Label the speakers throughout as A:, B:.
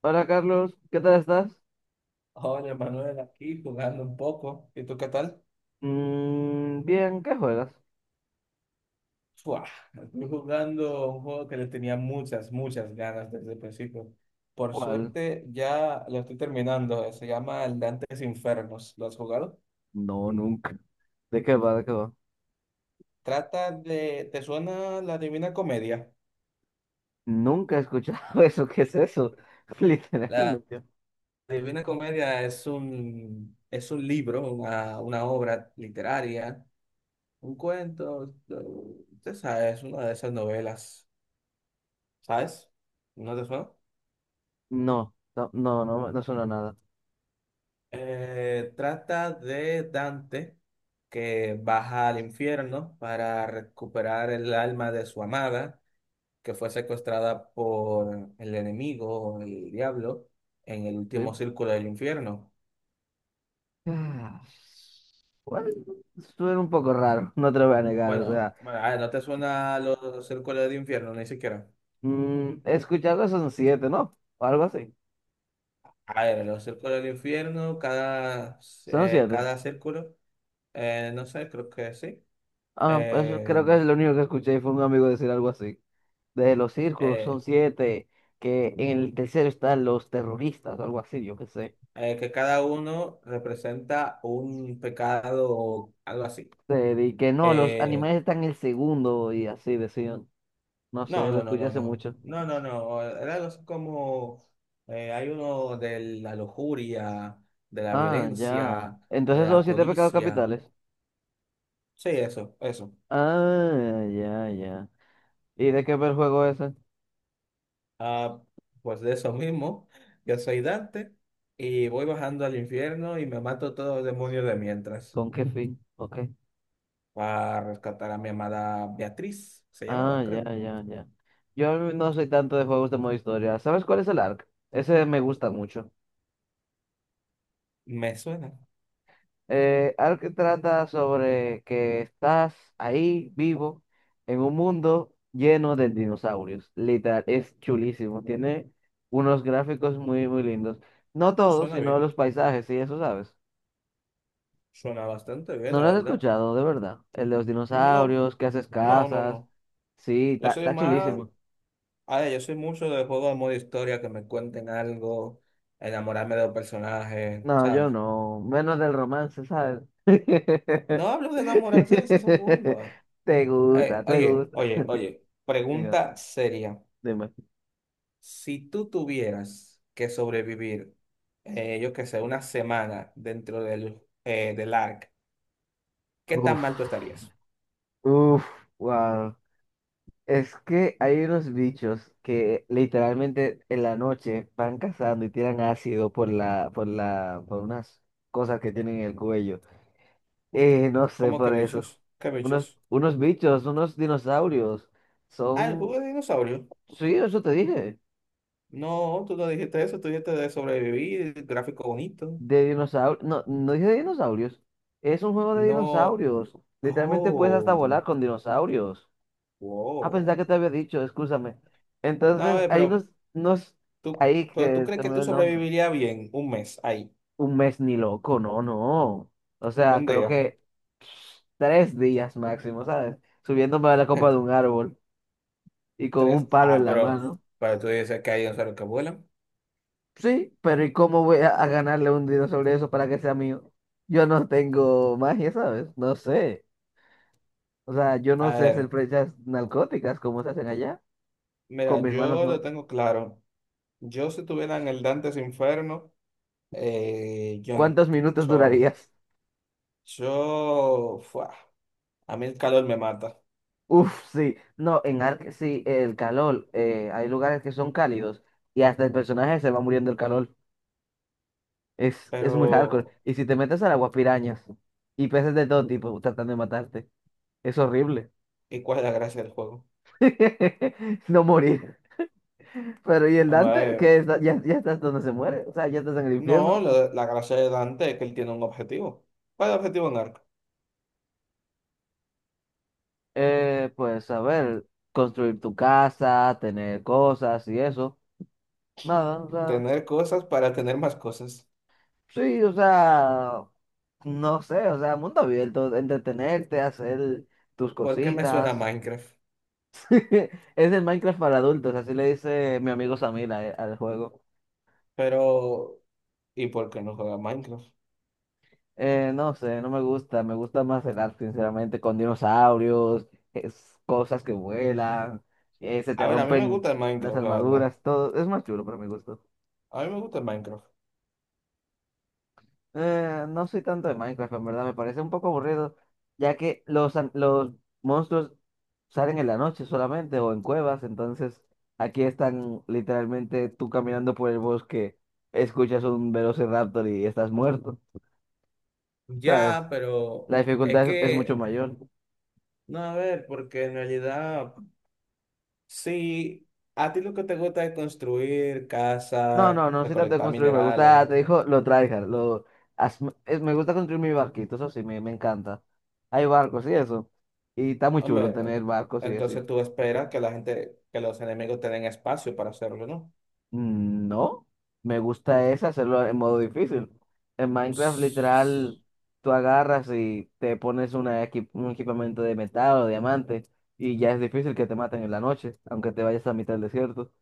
A: Hola Carlos, ¿qué tal estás?
B: Hola Manuel, aquí jugando un poco. ¿Y tú qué tal?
A: Bien, ¿qué juegas?
B: Fua, estoy jugando un juego que le tenía muchas, muchas ganas desde el principio. Por
A: ¿Cuál?
B: suerte ya lo estoy terminando. Se llama El Dantes Infernos. ¿Lo has jugado?
A: No, nunca. ¿De qué va? ¿De qué va?
B: ¿Te suena la Divina Comedia?
A: Nunca he escuchado eso, ¿qué es eso?
B: La
A: Literalmente.
B: Divina Comedia es un, libro, una, obra literaria, un cuento. Usted sabe, es una de esas novelas. ¿Sabes? ¿No te suena?
A: No, no, no, no, no suena nada.
B: Trata de Dante que baja al infierno para recuperar el alma de su amada, que fue secuestrada por el enemigo, el diablo, en el último
A: Sí.
B: círculo del infierno.
A: Ah, bueno, suena un poco raro, no te lo voy a negar, o
B: Bueno,
A: sea,
B: bueno, a ver, ¿no te suena los círculos del infierno? Ni siquiera.
A: he escuchado que son siete, ¿no? O algo así.
B: A ver, los círculos del infierno, cada,
A: Son
B: eh,
A: siete.
B: cada círculo, no sé, creo que sí.
A: Ah, eso creo
B: Eh,
A: que es lo único que escuché y fue un amigo decir algo así. De los círculos son
B: eh,
A: siete, que en el tercero están los terroristas o algo así, yo qué sé.
B: que cada uno representa un pecado o algo así.
A: Y que no, los
B: Eh,
A: animales están en el segundo y así decían. No
B: no,
A: sé, lo
B: no, no,
A: escuché
B: no,
A: hace
B: no.
A: mucho.
B: No, no, no. Era algo así como hay uno de la lujuria, de la
A: Ah, ya.
B: violencia, de
A: Entonces son
B: la
A: los siete pecados
B: codicia.
A: capitales.
B: Sí, eso, eso.
A: Ah, ya, ya. ¿Y de qué va el juego ese?
B: Ah, pues de eso mismo, yo soy Dante y voy bajando al infierno y me mato todos los demonios de mientras
A: ¿Con qué fin? Ok.
B: para rescatar a mi amada Beatriz, se
A: Ah,
B: llamaba,
A: ya,
B: creo.
A: ya, ya. Yo no soy tanto de juegos de modo historia. ¿Sabes cuál es el ARK? Ese me gusta mucho.
B: Me suena,
A: Algo que trata sobre que estás ahí vivo en un mundo lleno de dinosaurios. Literal, es chulísimo. Tiene unos gráficos muy, muy lindos. No todos,
B: suena
A: sino
B: bien.
A: los paisajes, y eso sabes.
B: Suena bastante bien,
A: No
B: la
A: lo has
B: verdad.
A: escuchado, de verdad. El de los
B: No,
A: dinosaurios, que haces
B: no, no,
A: casas.
B: no.
A: Sí,
B: Yo
A: está
B: soy
A: está
B: más,
A: chulísimo.
B: a ver, yo soy mucho de juegos de modo historia, que me cuenten algo, enamorarme de los personajes,
A: No,
B: ¿sabes?
A: yo no. Menos del romance, ¿sabes?
B: No hablo de enamorarse de esa forma.
A: Te
B: Eh,
A: gusta, te
B: oye,
A: gusta.
B: oye, oye,
A: Diga,
B: pregunta seria.
A: dime.
B: Si tú tuvieras que sobrevivir, yo qué sé, una semana dentro del, del ARC, ¿qué tan
A: Uf.
B: mal tú estarías?
A: Uf, wow. Es que hay unos bichos que literalmente en la noche van cazando y tiran ácido por la, por unas cosas que tienen en el cuello. No sé
B: ¿Cómo que
A: por eso.
B: bichos? ¿Qué
A: Unos,
B: bichos?
A: unos bichos, unos dinosaurios.
B: Ah, el
A: Son,
B: juego de dinosaurio.
A: sí, eso te dije.
B: No, tú no dijiste eso, tú dijiste de sobrevivir, gráfico bonito.
A: De dinosaurios. No, no dije de dinosaurios. Es un juego de
B: No,
A: dinosaurios. Literalmente puedes hasta volar
B: oh,
A: con dinosaurios. Ah,
B: wow.
A: pensaba que te había dicho, escúchame.
B: No, a
A: Entonces,
B: ver,
A: hay unos,
B: pero
A: unos
B: tú,
A: ahí
B: pero tú
A: que
B: crees
A: se me
B: que tú
A: olvidó el nombre.
B: sobrevivirías bien un mes ahí,
A: Un mes ni loco, no, no. O sea,
B: un
A: creo
B: día,
A: que 3 días máximo, ¿sabes? Subiéndome a la copa de un árbol y con
B: tres.
A: un palo en
B: Ah,
A: la
B: pero,
A: mano.
B: pero tú dices que hay dinosaurios que vuelan.
A: Sí, pero ¿y cómo voy a ganarle un dinero sobre eso para que sea mío? Yo no tengo magia, ¿sabes? No sé. O sea, yo no
B: A
A: sé hacer
B: ver,
A: flechas narcóticas como se hacen allá.
B: mira,
A: Con mis manos
B: yo lo
A: no.
B: tengo claro. Yo si estuviera en el Dantes Inferno, yo no.
A: ¿Cuántos minutos
B: Yo,
A: durarías?
B: yo, fuah, a mí el calor me mata,
A: Uf, sí, no, en Ark sí, el calor, hay lugares que son cálidos y hasta el personaje se va muriendo el calor. Es muy hardcore.
B: pero
A: Y si te metes al agua, pirañas y peces de todo tipo tratando de matarte. Es horrible.
B: ¿y cuál es la gracia del juego?
A: No morir. Pero ¿y el Dante? Que
B: Hombre,
A: está- ya, ya estás donde se muere, o sea, ya estás en el
B: no,
A: infierno.
B: la gracia de Dante es que él tiene un objetivo. ¿Cuál es el objetivo de Narco?
A: Pues a ver, construir tu casa, tener cosas y eso. Nada, o sea.
B: Tener cosas para tener más cosas.
A: Sí, o sea, no sé, o sea, mundo abierto, entretenerte, hacer tus
B: ¿Por qué me suena a
A: cositas.
B: Minecraft?
A: Es el Minecraft para adultos, así le dice mi amigo Samir a- al juego.
B: Pero, ¿y por qué no juega Minecraft?
A: No sé, no me gusta, me gusta más el arte, sinceramente, con dinosaurios, es, cosas que vuelan, se te
B: A ver, a mí me
A: rompen
B: gusta el
A: las
B: Minecraft, la verdad.
A: armaduras, todo, es más chulo para mi gusto.
B: A mí me gusta el Minecraft.
A: No soy tanto de Minecraft, en verdad, me parece un poco aburrido, ya que los monstruos salen en la noche solamente o en cuevas, entonces aquí están literalmente tú caminando por el bosque, escuchas un velociraptor y estás muerto, ¿sabes?
B: Ya, pero
A: La
B: es
A: dificultad es mucho
B: que,
A: mayor.
B: no, a ver, porque en realidad, sí, a ti lo que te gusta es construir
A: No, no,
B: casa,
A: no soy tanto de
B: recolectar
A: construir, me gusta,
B: minerales.
A: te dijo, lo tryhard, as- me gusta construir mi barquito, eso sí, me encanta. Hay barcos y eso, y está muy chulo
B: Hombre,
A: tener barcos y eso.
B: entonces tú esperas que la gente, que los enemigos tengan espacio para hacerlo, ¿no?
A: No, me gusta es hacerlo en modo difícil. En Minecraft, literal, tú agarras y te pones una equi- un equipamiento de metal o diamante y ya es difícil que te maten en la noche, aunque te vayas a mitad del desierto.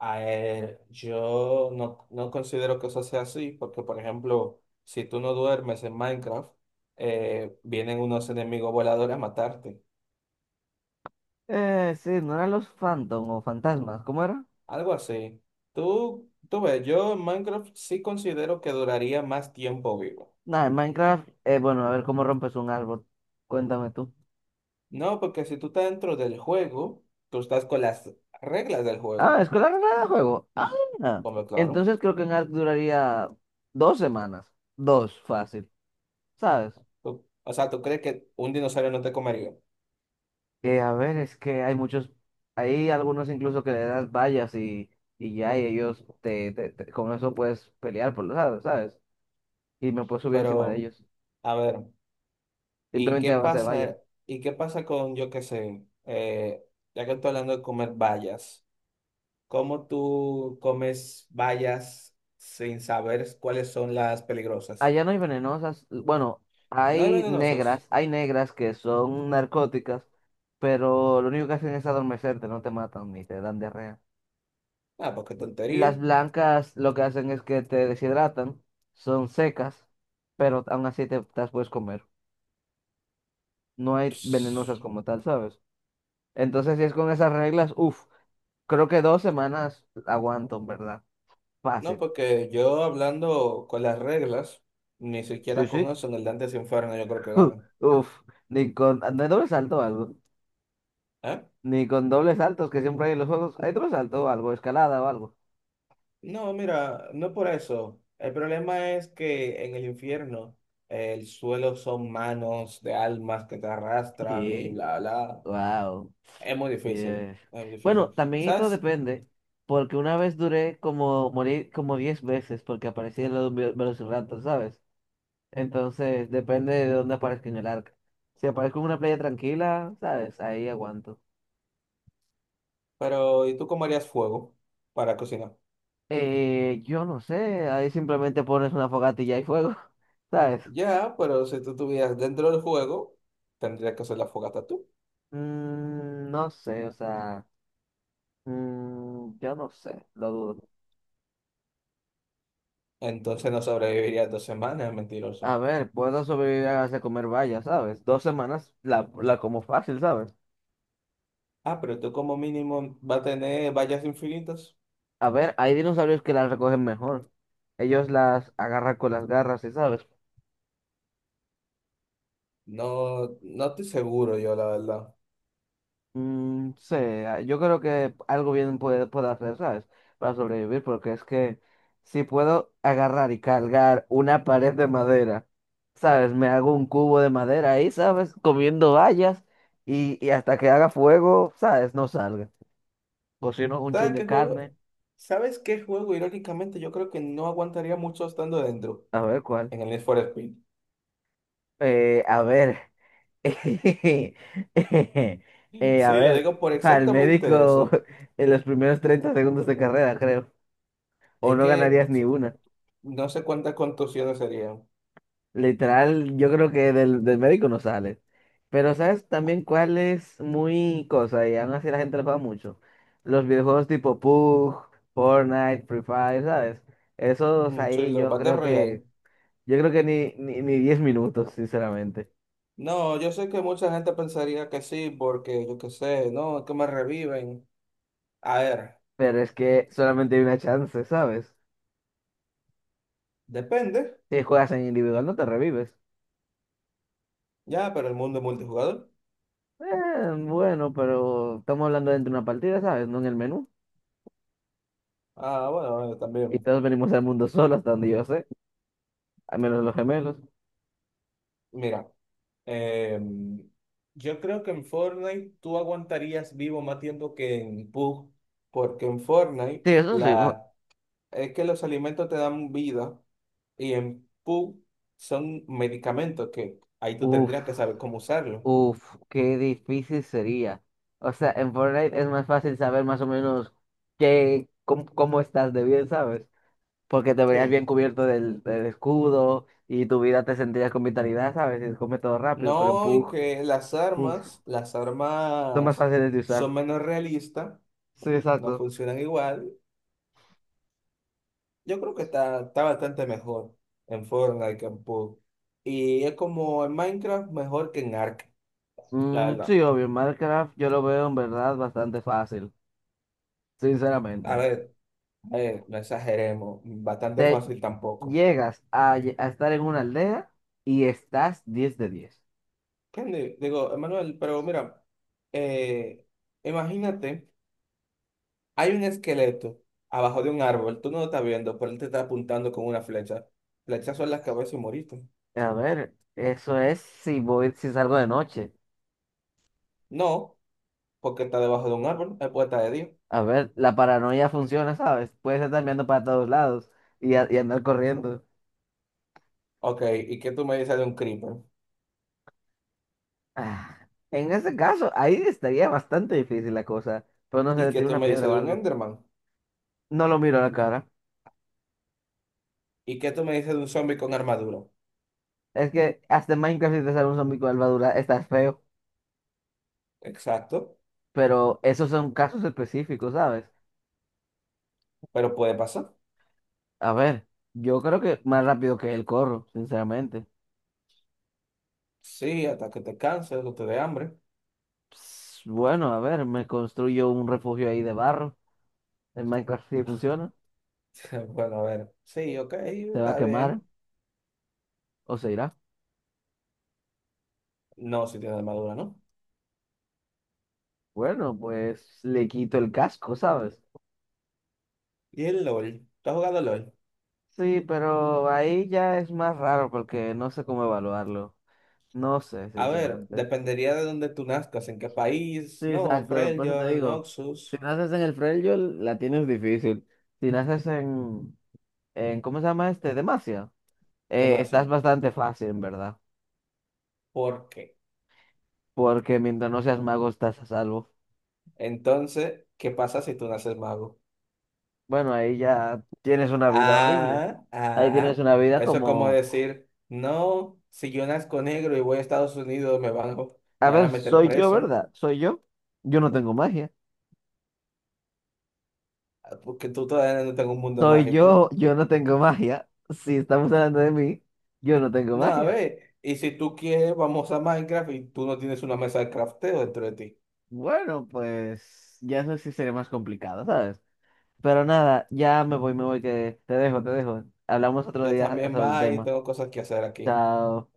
B: A ver, yo no considero que eso sea así, porque por ejemplo, si tú no duermes en Minecraft, vienen unos enemigos voladores a matarte,
A: Sí, no eran los Phantom o fantasmas, ¿cómo era?
B: algo así. Tú ves, yo en Minecraft sí considero que duraría más tiempo vivo.
A: Nada, en Minecraft, bueno, a ver cómo rompes un árbol. Cuéntame tú.
B: No, porque si tú estás dentro del juego, tú estás con las reglas del
A: Ah,
B: juego,
A: es con la regla de juego. Ah,
B: hombre, claro.
A: entonces creo que en Ark duraría 2 semanas. Dos, fácil, ¿sabes?
B: O sea, tú crees que un dinosaurio no te comería,
A: A ver, es que hay muchos, hay algunos incluso que le das vallas y ya, y ellos con eso puedes pelear por los lados, ¿sabes? Y me puedo subir encima de
B: pero
A: ellos,
B: a ver. ¿Y
A: simplemente
B: qué
A: a base de vallas.
B: pasa? ¿Y qué pasa con, yo qué sé, ya que estoy hablando de comer bayas, ¿cómo tú comes bayas sin saber cuáles son las peligrosas?
A: Allá no hay venenosas, bueno,
B: No hay venenosas.
A: hay negras que son narcóticas, pero lo único que hacen es adormecerte, no te matan ni te dan diarrea.
B: Ah, porque tontería.
A: Las blancas lo que hacen es que te deshidratan, son secas, pero aún así te las puedes comer. No hay venenosas
B: Pss,
A: como tal, ¿sabes? Entonces, si es con esas reglas, uff, creo que 2 semanas aguanto, en ¿verdad?
B: No,
A: Fácil.
B: porque yo hablando con las reglas, ni
A: Sí,
B: siquiera
A: sí.
B: con eso en el Dante se Inferno yo creo que ganan.
A: Uff, ni con, no hay doble salto o algo. Ni con dobles saltos que siempre hay en los juegos. ¿Hay doble salto o algo? ¿Escalada o algo?
B: No, mira, no por eso. El problema es que en el infierno el suelo son manos de almas que te arrastran y
A: ¿Qué?
B: bla, bla.
A: Wow.
B: Es muy difícil,
A: Yeah.
B: es muy
A: Bueno,
B: difícil.
A: también esto
B: ¿Sabes?
A: depende, porque una vez duré como morir como 10 veces porque aparecía en los velociraptor, ¿sabes? Entonces, depende de dónde aparezca en el arca. Si aparezco en una playa tranquila, ¿sabes? Ahí aguanto.
B: Pero, ¿y tú cómo harías fuego para cocinar?
A: Yo no sé, ahí simplemente pones una fogata y ya hay fuego, ¿sabes?
B: Ya, pero si tú estuvieras dentro del juego, tendrías que hacer la fogata tú.
A: No sé, o sea, yo no sé, lo dudo.
B: Entonces no sobrevivirías dos semanas,
A: A
B: mentiroso.
A: ver, puedo sobrevivir a base de comer bayas, ¿sabes? 2 semanas la como fácil, ¿sabes?
B: Ah, pero tú como mínimo va a tener vallas infinitas.
A: A ver, hay dinosaurios que las recogen mejor. Ellos las agarran con las garras, ¿sí? ¿sabes?
B: No, no estoy seguro yo, la verdad.
A: Mm, sí, ah, yo creo que algo bien puede, puedo hacer, ¿sabes? Para sobrevivir, porque es que si puedo agarrar y cargar una pared de madera, ¿sabes? Me hago un cubo de madera ahí, ¿sabes? Comiendo bayas y hasta que haga fuego, ¿sabes? No salga. Cocino un chin
B: ¿Sabes
A: de
B: qué juego?
A: carne,
B: ¿Sabes qué juego? Irónicamente, yo creo que no aguantaría mucho estando dentro
A: a ver cuál.
B: en el Need for Speed.
A: A ver. A
B: Sí, lo
A: ver,
B: digo por
A: para el
B: exactamente
A: médico
B: eso.
A: en los primeros 30 segundos de carrera, creo. O
B: Es
A: no
B: que
A: ganarías ni una.
B: no sé cuántas contusiones serían.
A: Literal, yo creo que del médico no sale. Pero ¿sabes también cuál es muy cosa? Y aún así la gente le paga mucho. Los videojuegos tipo PUBG, Fortnite, Free Fire, ¿sabes? Esos
B: Ujú, sí,
A: ahí
B: los
A: yo
B: Battle
A: creo
B: Royale.
A: que, ni 10 minutos, sinceramente.
B: No, yo sé que mucha gente pensaría que sí, porque yo qué sé, no, es que me reviven. A ver,
A: Pero es que solamente hay una chance, ¿sabes?
B: depende,
A: Si juegas en individual no te revives.
B: ya, pero el mundo es multijugador.
A: Bueno, pero estamos hablando dentro de una partida, ¿sabes? No en el menú.
B: Ah, bueno, bueno,
A: Y
B: también.
A: todos venimos al mundo solos, hasta donde yo sé. Al menos los gemelos.
B: Mira. Eh, yo creo que en Fortnite tú aguantarías vivo más tiempo que en PUBG, porque en Fortnite
A: Sí, eso sí.
B: la, es que los alimentos te dan vida y en PUBG son medicamentos que ahí tú
A: Uf,
B: tendrías que saber cómo usarlo.
A: uf, qué difícil sería. O sea, en Fortnite es más fácil saber más o menos qué, cómo estás de bien, ¿sabes? Porque te verías
B: Sí.
A: bien cubierto del escudo y tu vida te sentirías con vitalidad, ¿sabes? Y se come todo rápido, pero en
B: No, y
A: Pug,
B: que
A: uf,
B: las
A: son más
B: armas
A: fáciles de usar.
B: son menos realistas,
A: Sí,
B: no
A: exacto.
B: funcionan igual. Yo creo que está bastante mejor en Fortnite que en PUBG. Y es como en Minecraft mejor que en Ark. La
A: Mm, sí,
B: verdad.
A: obvio, en Minecraft yo lo veo en verdad bastante fácil,
B: A
A: sinceramente.
B: ver, a ver, no exageremos. Bastante
A: Te
B: fácil tampoco.
A: llegas a estar en una aldea y estás 10 de 10.
B: ¿Entiendes? Digo, Emanuel, pero mira, eh, imagínate, hay un esqueleto abajo de un árbol. Tú no lo estás viendo, pero él te está apuntando con una flecha. Flechazo en la cabeza y moriste.
A: A ver, eso es si voy, si salgo de noche.
B: No, porque está debajo de un árbol. Es puerta de Dios.
A: A ver, la paranoia funciona, ¿sabes? Puedes estar mirando para todos lados y andar corriendo.
B: Ok, ¿y qué tú me dices de un creeper?
A: Ah, en ese caso, ahí estaría bastante difícil la cosa. Pero no se
B: ¿Y
A: le
B: qué
A: tira
B: tú
A: una
B: me
A: piedra
B: dices
A: o
B: de un
A: algo.
B: Enderman?
A: No lo miro a la cara.
B: ¿Y qué tú me dices de un zombie con armadura?
A: Es que hasta en Minecraft si te sale un zombie con armadura, estás feo.
B: Exacto,
A: Pero esos son casos específicos, ¿sabes?
B: pero puede pasar.
A: A ver, yo creo que más rápido que él corro, sinceramente.
B: Sí, hasta que te canses o te dé hambre.
A: Ps, bueno, a ver, me construyo un refugio ahí de barro. El Minecraft sí funciona,
B: Bueno, a ver. Sí, ok,
A: se va a
B: está
A: quemar
B: bien.
A: o se irá.
B: No, si tiene armadura, ¿no?
A: Bueno, pues le quito el casco, ¿sabes?
B: Y el LOL. ¿Tú has jugado LOL?
A: Sí, pero ahí ya es más raro porque no sé cómo evaluarlo. No sé,
B: A ver,
A: sinceramente.
B: dependería de dónde tú nazcas, en qué
A: Sí,
B: país, no,
A: exacto, por eso te
B: Freljord,
A: digo, si
B: Noxus,
A: naces en el Freljord, la tienes difícil. Si naces en ¿cómo se llama este? Demacia, estás
B: demasiado.
A: bastante fácil, en verdad.
B: ¿Por qué?
A: Porque mientras no seas mago estás a salvo.
B: Entonces, ¿qué pasa si tú naces mago?
A: Bueno, ahí ya tienes una vida horrible.
B: Ah,
A: Ahí tienes
B: ah.
A: una vida
B: Eso es como
A: como...
B: decir, no, si yo nazco negro y voy a Estados Unidos, me van, a-
A: A
B: me van a
A: ver,
B: meter
A: soy yo,
B: preso,
A: ¿verdad? Soy yo. Yo no tengo magia.
B: ah, porque tú todavía no tengo un mundo
A: Soy
B: mágico.
A: yo, yo no tengo magia. Si estamos hablando de mí, yo no tengo
B: No, a
A: magia.
B: ver, y si tú quieres, vamos a Minecraft y tú no tienes una mesa de crafteo dentro de ti.
A: Bueno, pues ya eso sí sería más complicado, ¿sabes? Pero nada, ya me voy, que te dejo, te dejo. Hablamos otro
B: Yo
A: día
B: también
A: sobre el
B: va y
A: tema.
B: tengo cosas que hacer aquí.
A: Chao.